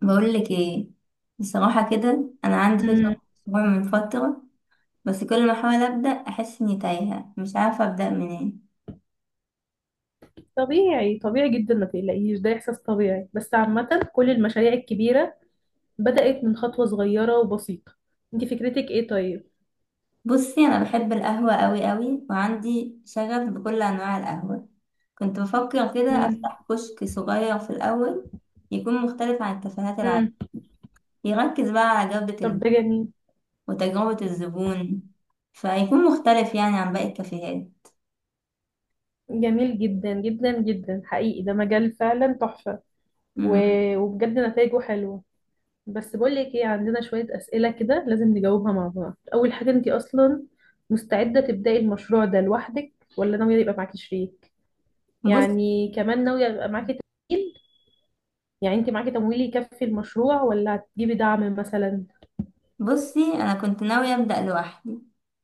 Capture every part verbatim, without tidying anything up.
بقول لك ايه. بصراحة كده انا عندي مم. فكرة مشروع من فترة. بس كل ما احاول ابدا احس اني تايهة، مش عارفة ابدا منين. طبيعي طبيعي جدا، ما تقلقيش، ده إحساس طبيعي. بس عامة كل المشاريع الكبيرة بدأت من خطوة صغيرة وبسيطة. انت فكرتك ايه طيب؟ بصي، انا بحب القهوة قوي قوي وعندي شغف بكل انواع القهوة. كنت بفكر كده مم. افتح كشك صغير في الاول، يكون مختلف عن الكافيهات العادية، مم. يركز بقى على جودة طب ال- ده جميل. وتجربة الزبون، فيكون مختلف يعني عن باقي الكافيهات. جميل جدا جدا جدا حقيقي، ده مجال فعلا تحفة. و... مم. وبجد نتائجه حلوة. بس بقول لك ايه، عندنا شوية أسئلة كده لازم نجاوبها مع بعض. أول حاجة، انت أصلا مستعدة تبدأي المشروع ده لوحدك ولا ناوية يبقى معاكي شريك؟ بص. يعني كمان ناوية يبقى معاكي، يعني انت معاكي تمويل يكفي المشروع ولا هتجيبي دعم مثلا؟ بصي، انا كنت ناوية ابدأ لوحدي،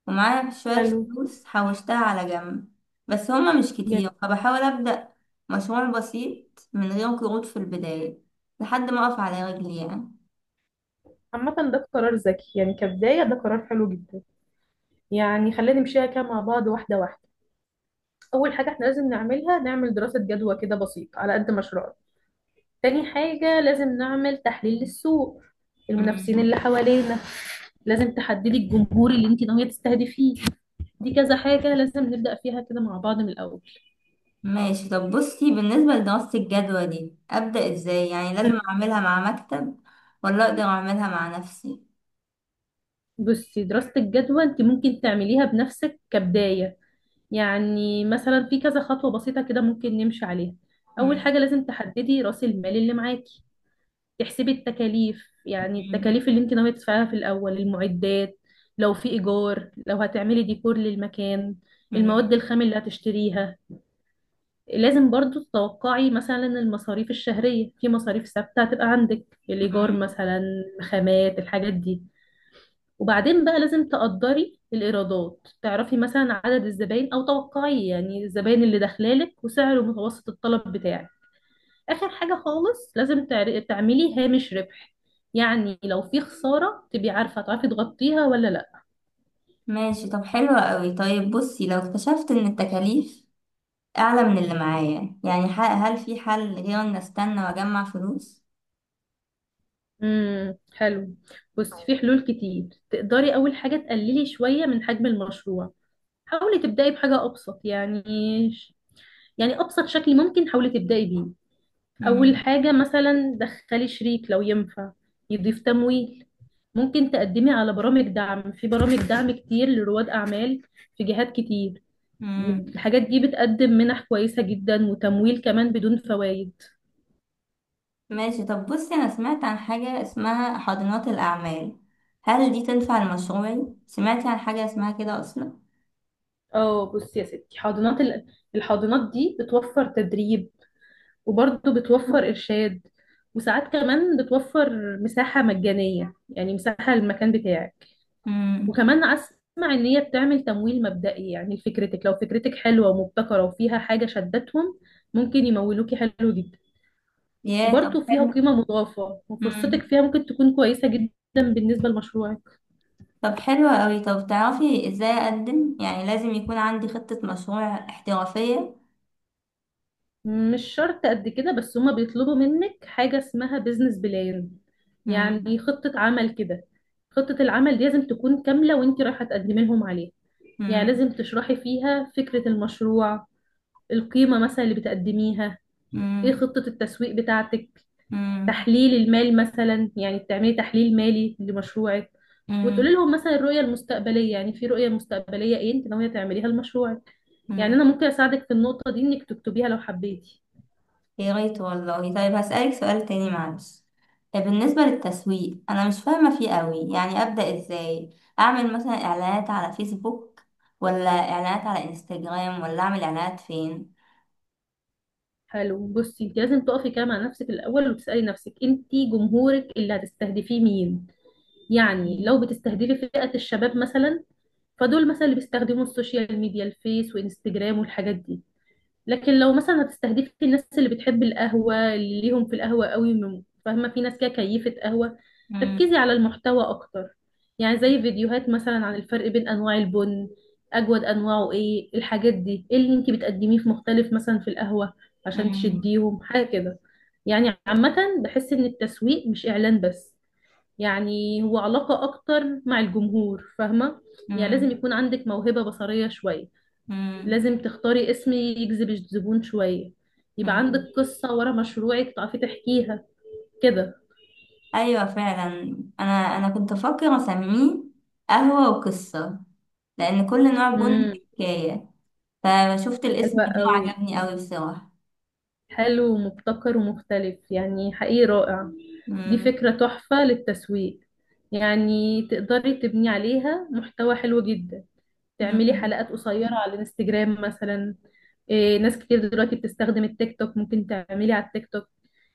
ومعايا شوية حلو. فلوس حوشتها على جنب، بس هما مش جميل. كتير فبحاول ابدأ مشروع بسيط من غير قروض في البداية، لحد ما اقف على رجلي يعني. عامة ده قرار ذكي، يعني كبداية ده قرار حلو جدا. يعني خلينا نمشيها كده مع بعض واحدة واحدة. أول حاجة احنا لازم نعملها، نعمل دراسة جدوى كده بسيطة على قد مشروعنا. تاني حاجة لازم نعمل تحليل للسوق، المنافسين مم. اللي حوالينا. لازم تحددي الجمهور اللي انت ناوية تستهدفيه. دي كذا حاجة لازم نبدأ فيها كده مع بعض من الأول. ماشي. طب بصي، بالنسبة لدراسة الجدوى دي ابدأ ازاي؟ يعني مم. لازم اعملها مع مكتب ولا اقدر اعملها مع نفسي؟ بصي، دراسة الجدوى انت ممكن تعمليها بنفسك كبداية. يعني مثلا في كذا خطوة بسيطة كده ممكن نمشي عليها. أول مم. حاجة لازم تحددي رأس المال اللي معاكي، تحسبي التكاليف، يعني مم. التكاليف اللي انت ناوية تدفعيها في الأول، المعدات، لو في إيجار، لو هتعملي ديكور للمكان، المواد مم. الخام اللي هتشتريها. لازم برضو تتوقعي مثلا المصاريف الشهرية. في مصاريف ثابتة هتبقى عندك، الإيجار مم. مثلا، خامات، الحاجات دي. وبعدين بقى لازم تقدري الإيرادات، تعرفي مثلا عدد الزباين أو توقعي يعني الزباين اللي داخلالك وسعر متوسط الطلب بتاعك. آخر حاجة خالص لازم تعر- تعملي هامش ربح، يعني لو في خسارة تبقي عارفة تعرفي تغطيها ولا لأ. ماشي، طب حلوة قوي. طيب بصي، لو اكتشفت ان التكاليف أعلى من اللي معايا يعني ح- هل في حل غير إن أستنى وأجمع فلوس؟ امم حلو. بصي في حلول كتير تقدري. أول حاجة تقللي شوية من حجم المشروع، حاولي تبدأي بحاجة أبسط، يعني يعني أبسط شكل ممكن حاولي تبدأي بيه. أول مم. حاجة مثلا دخلي شريك لو ينفع يضيف تمويل. ممكن تقدمي على برامج دعم، في برامج دعم كتير لرواد أعمال، في جهات كتير. مم. الحاجات دي بتقدم منح كويسة جدا وتمويل كمان بدون فوائد. ماشي. طب بصي، أنا سمعت عن حاجة اسمها حاضنات الأعمال، هل دي تنفع لمشروعي؟ سمعتي عن حاجة اسمها كده أصلا؟ اه بصي يا ستي، حاضنات ال- الحاضنات دي بتوفر تدريب، وبرضه بتوفر إرشاد، وساعات كمان بتوفر مساحة مجانية، يعني مساحة للمكان بتاعك. مم. وكمان اسمع ان هي بتعمل تمويل مبدئي، يعني لفكرتك، لو فكرتك حلوه ومبتكره وفيها حاجه شدتهم ممكن يمولوكي. حلو جدا. ياه، طب وبرضه فيها حلو. قيمه مضافه، وفرصتك مم. فيها ممكن تكون كويسه جدا بالنسبه لمشروعك. طب حلو أوي. طب تعرفي إزاي أقدم؟ يعني لازم يكون عندي خطة مشروع احترافية؟ مش شرط قد كده، بس هما بيطلبوا منك حاجه اسمها بيزنس بلان، مم. يعني خطه عمل كده. خطه العمل دي لازم تكون كامله وانت رايحه تقدمي لهم عليها. يعني لازم مم. تشرحي فيها فكره المشروع، القيمه مثلا اللي بتقدميها، ايه مم. خطه التسويق بتاعتك، مم. تحليل المال مثلا، يعني بتعملي تحليل مالي لمشروعك، وتقولي مم. لهم مثلا الرؤية المستقبلية، يعني في رؤية مستقبلية ايه انت ناوية تعمليها لمشروعك. يعني مم. انا ممكن اساعدك في النقطة دي انك تكتبيها لو حبيتي. يا ريت والله. طيب هسألك سؤال تاني معلش. طيب بالنسبة للتسويق، أنا مش فاهمة فيه قوي، يعني أبدأ إزاي؟ أعمل مثلا إعلانات على فيسبوك، ولا إعلانات على إنستجرام، ولا أعمل إعلانات فين؟ حلو. بصي انت لازم تقفي كده مع نفسك الاول وتسألي نفسك، انت جمهورك اللي هتستهدفيه مين؟ يعني مم. لو بتستهدفي فئة الشباب مثلا، فدول مثلا اللي بيستخدموا السوشيال ميديا، الفيس وانستجرام والحاجات دي. لكن لو مثلا هتستهدفي الناس اللي بتحب القهوة، اللي ليهم في القهوة قوي، من- فاهمة، في ناس كده كيفة قهوة، مم. ركزي على المحتوى أكتر، يعني زي فيديوهات مثلا عن الفرق بين أنواع البن، أجود أنواعه إيه، الحاجات دي، إيه اللي أنتي بتقدميه في مختلف مثلا في القهوة عشان مم. تشديهم حاجة كده. يعني عامة بحس إن التسويق مش إعلان بس، يعني هو علاقة أكتر مع الجمهور، فاهمة؟ يعني لازم مم. يكون عندك موهبة بصرية شوية، مم. لازم تختاري اسم يجذب الزبون شوية، يبقى عندك مم. قصة ورا مشروعك تعرفي تحكيها كده. أيوة فعلا، أنا أنا كنت أفكر أسميه قهوة وقصة، لأن كل نوع بن امم حكاية. فشفت الاسم حلوة ده قوي. وعجبني قوي بصراحة. حلو ومبتكر ومختلف، يعني حقيقي رائع. دي مم. فكرة تحفة للتسويق، يعني تقدري تبني عليها محتوى حلو جدا. تعملي مم. حلقات قصيرة على الانستجرام مثلا. إيه، ناس كتير دلوقتي بتستخدم التيك توك، ممكن تعملي على التيك توك،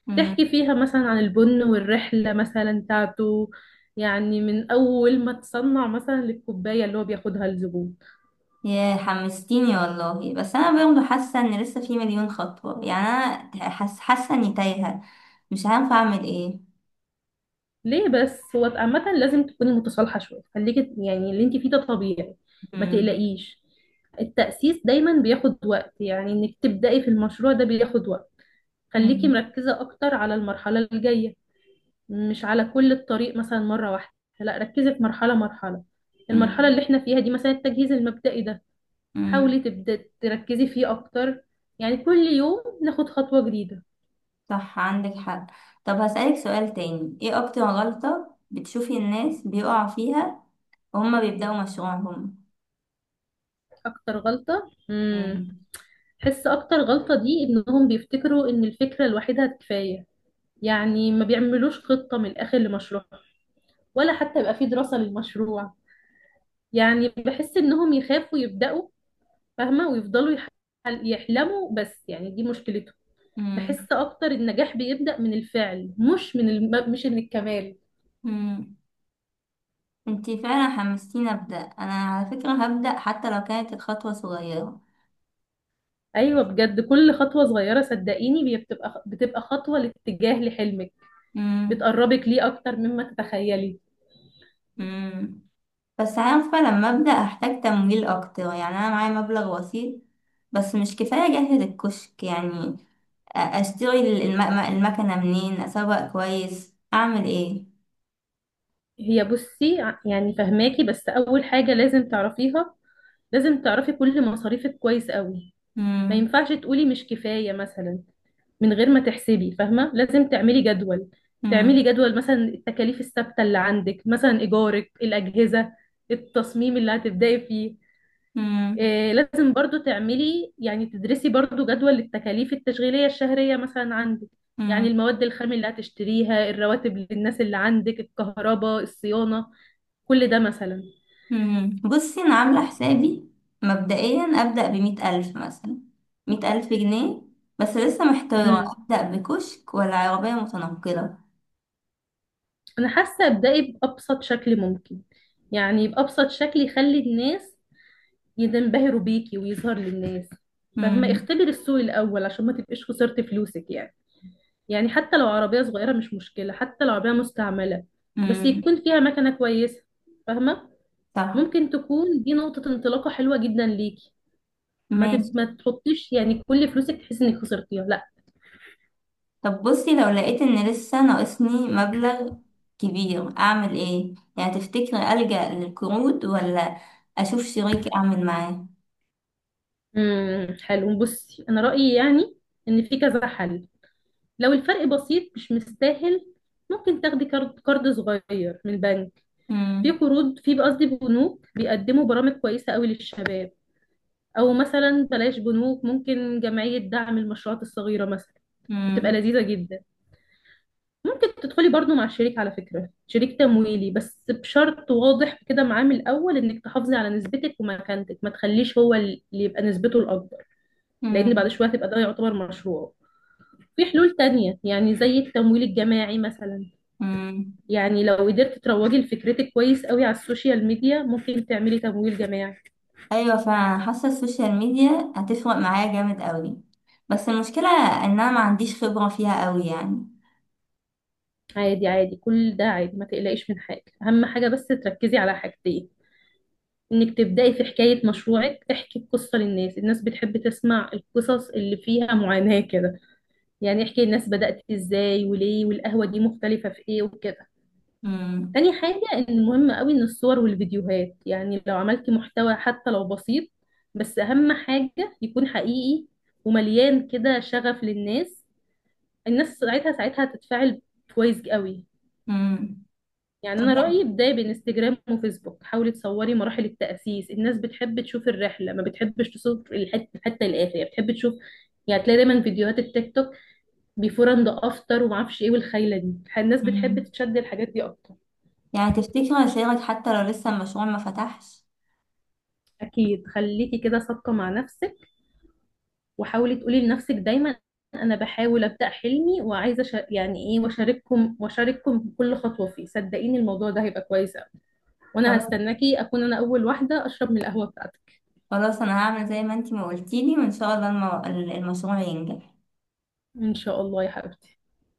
مم. تحكي فيها مثلا عن البن والرحلة مثلا بتاعته، يعني من أول ما تصنع مثلا للكوباية اللي هو بياخدها الزبون. يا حمستيني والله، بس انا برضه حاسه ان لسه في مليون خطوه يعني. انا حاسه حاسه اني تايهه، مش عارفه اعمل ايه. ليه بس؟ هو عامة لازم تكوني متصالحة شوية، خليكي يعني اللي انت فيه ده طبيعي، ما مم. تقلقيش. التأسيس دايما بياخد وقت، يعني انك تبدأي في المشروع ده بياخد وقت. خليكي مم. مركزة أكتر على المرحلة الجاية، مش على كل الطريق مثلا مرة واحدة. لا ركزي في مرحلة مرحلة. المرحلة مم. اللي احنا فيها دي مثلا التجهيز المبدئي ده مم. حاولي تبدأ تركزي فيه أكتر. يعني كل يوم ناخد خطوة جديدة. صح، عندك حق. طب هسألك سؤال تاني، ايه اكتر غلطه بتشوفي الناس بيقعوا فيها وهم بيبدأوا مشروعهم؟ أكتر غلطة، امم مم. حس أكتر غلطة دي إنهم بيفتكروا إن الفكرة لوحدها كفاية. يعني ما بيعملوش خطة من الآخر لمشروع، ولا حتى يبقى في دراسة للمشروع. يعني بحس إنهم يخافوا يبدأوا، فاهمة، ويفضلوا يح- يحلموا بس، يعني دي مشكلته. بحس مم. أكتر النجاح بيبدأ من الفعل، مش من الم... مش من الكمال. مم. انتي فعلا حمستيني ابدأ. انا على فكره هبدأ حتى لو كانت الخطوه صغيره. ايوه بجد كل خطوه صغيره صدقيني بي- بتبقى بتبقى خطوه لاتجاه لحلمك، مم. بتقربك ليه اكتر مما تتخيلي. مم. بس عارفة لما أبدأ أحتاج تمويل أكتر، يعني أنا معايا مبلغ بسيط بس مش كفاية أجهز الكشك يعني. أ- أشتري ال- الم- المكنة منين؟ أسوق كويس، أعمل إيه؟ هي بصي ع- يعني فهماكي. بس اول حاجه لازم تعرفيها، لازم تعرفي كل مصاريفك كويس قوي. ما مم. ينفعش تقولي مش كفايه مثلا من غير ما تحسبي، فاهمه. لازم تعملي جدول، تعملي مم. جدول مثلا التكاليف الثابته اللي عندك، مثلا ايجارك، الاجهزه، التصميم اللي هتبداي فيه. مم. آه، لازم برضو تعملي، يعني تدرسي برضو جدول التكاليف التشغيلية الشهرية مثلا عندك، يعني مم. المواد الخام اللي هتشتريها، الرواتب للناس اللي عندك، الكهرباء، الصيانة، كل ده مثلا. مم. بصي، أنا عاملة حسابي مبدئيا أبدأ بمية ألف مثلا، مية ألف جنيه. بس لسه محتارة، امم أبدأ بكشك ولا عربية متنقلة؟ أنا حاسة ابدأي بأبسط شكل ممكن، يعني بأبسط شكل يخلي الناس ينبهروا بيكي ويظهر للناس. فاهمة، مم. اختبري السوق الأول عشان ما تبقيش خسرتي فلوسك. يعني يعني حتى لو عربية صغيرة مش مشكلة، حتى لو عربية مستعملة، بس مم. يكون فيها مكنة كويسة، فاهمة. صح. ممكن تكون دي نقطة انطلاقة حلوة جدا ليكي. ما ماشي. تب... ما تحطيش يعني كل فلوسك تحسي انك خسرتيها، لا. طب بصي، لو لقيت ان لسه ناقصني مبلغ كبير اعمل ايه؟ يعني تفتكري ألجأ للقروض ولا اشوف شريك اعمل معاه؟ امم حلو. بصي انا رأيي يعني ان في كذا حل. لو الفرق بسيط مش مستاهل، ممكن تاخدي كارد كارد صغير من البنك. في مم. قروض، في قصدي بنوك بيقدموا برامج كويسة قوي للشباب. او مثلا بلاش بنوك، ممكن جمعية دعم المشروعات الصغيرة مثلا، بتبقى مم. لذيذة جدا. ممكن تدخلي برضو مع شريك، على فكرة شريك تمويلي بس بشرط واضح كده معاه من الأول، إنك تحافظي على نسبتك ومكانتك، ما تخليش هو اللي يبقى نسبته الأكبر، لأن بعد مم. شوية تبقى ده يعتبر مشروع. في حلول تانية يعني زي التمويل الجماعي مثلا، مم. يعني لو قدرت تروجي لفكرتك كويس قوي على السوشيال ميديا ممكن تعملي تمويل جماعي. ايوه فعلا، حاسه السوشيال ميديا هتفرق معايا جامد قوي، بس المشكله ان انا ما عنديش خبره فيها قوي يعني. عادي عادي، كل ده عادي، ما تقلقيش من حاجة. أهم حاجة بس تركزي على حاجتين، إنك تبدأي في حكاية مشروعك، احكي القصة للناس، الناس بتحب تسمع القصص اللي فيها معاناة كده. يعني احكي الناس بدأت إزاي وليه، والقهوة دي مختلفة في إيه وكده. مم. تاني حاجة إن مهم قوي إن الصور والفيديوهات، يعني لو عملتي محتوى حتى لو بسيط بس أهم حاجة يكون حقيقي ومليان كده شغف للناس، الناس ساعتها ساعتها هتتفاعل كويس قوي. مم. يعني طب انا رايي يعني. بدايه بانستجرام وفيسبوك، حاولي تصوري مراحل التاسيس، الناس بتحب تشوف الرحله ما بتحبش تصور الحته حتى الاخر، يعني بتحب تشوف. يعني تلاقي دايما فيديوهات التيك توك بيفور اند افتر وما اعرفش ايه والخيله دي، الناس بتحب مم. تشد الحاجات دي اكتر. يعني تفتكري اشارك حتى لو لسه المشروع ما فتحش؟ اكيد، خليكي كده صادقه مع نفسك، وحاولي تقولي لنفسك دايما انا بحاول ابدا حلمي وعايزه أشا- يعني ايه واشارككم واشارككم كل خطوه فيه. صدقيني الموضوع ده هيبقى كويس أوي. وانا هستناكي اكون انا اول واحده اشرب من القهوه بتاعتك. خلاص، انا هعمل زي ما انتي ما قلتيلي، وان شاء الله المو... المشروع ينجح. ان شاء الله يا حبيبتي.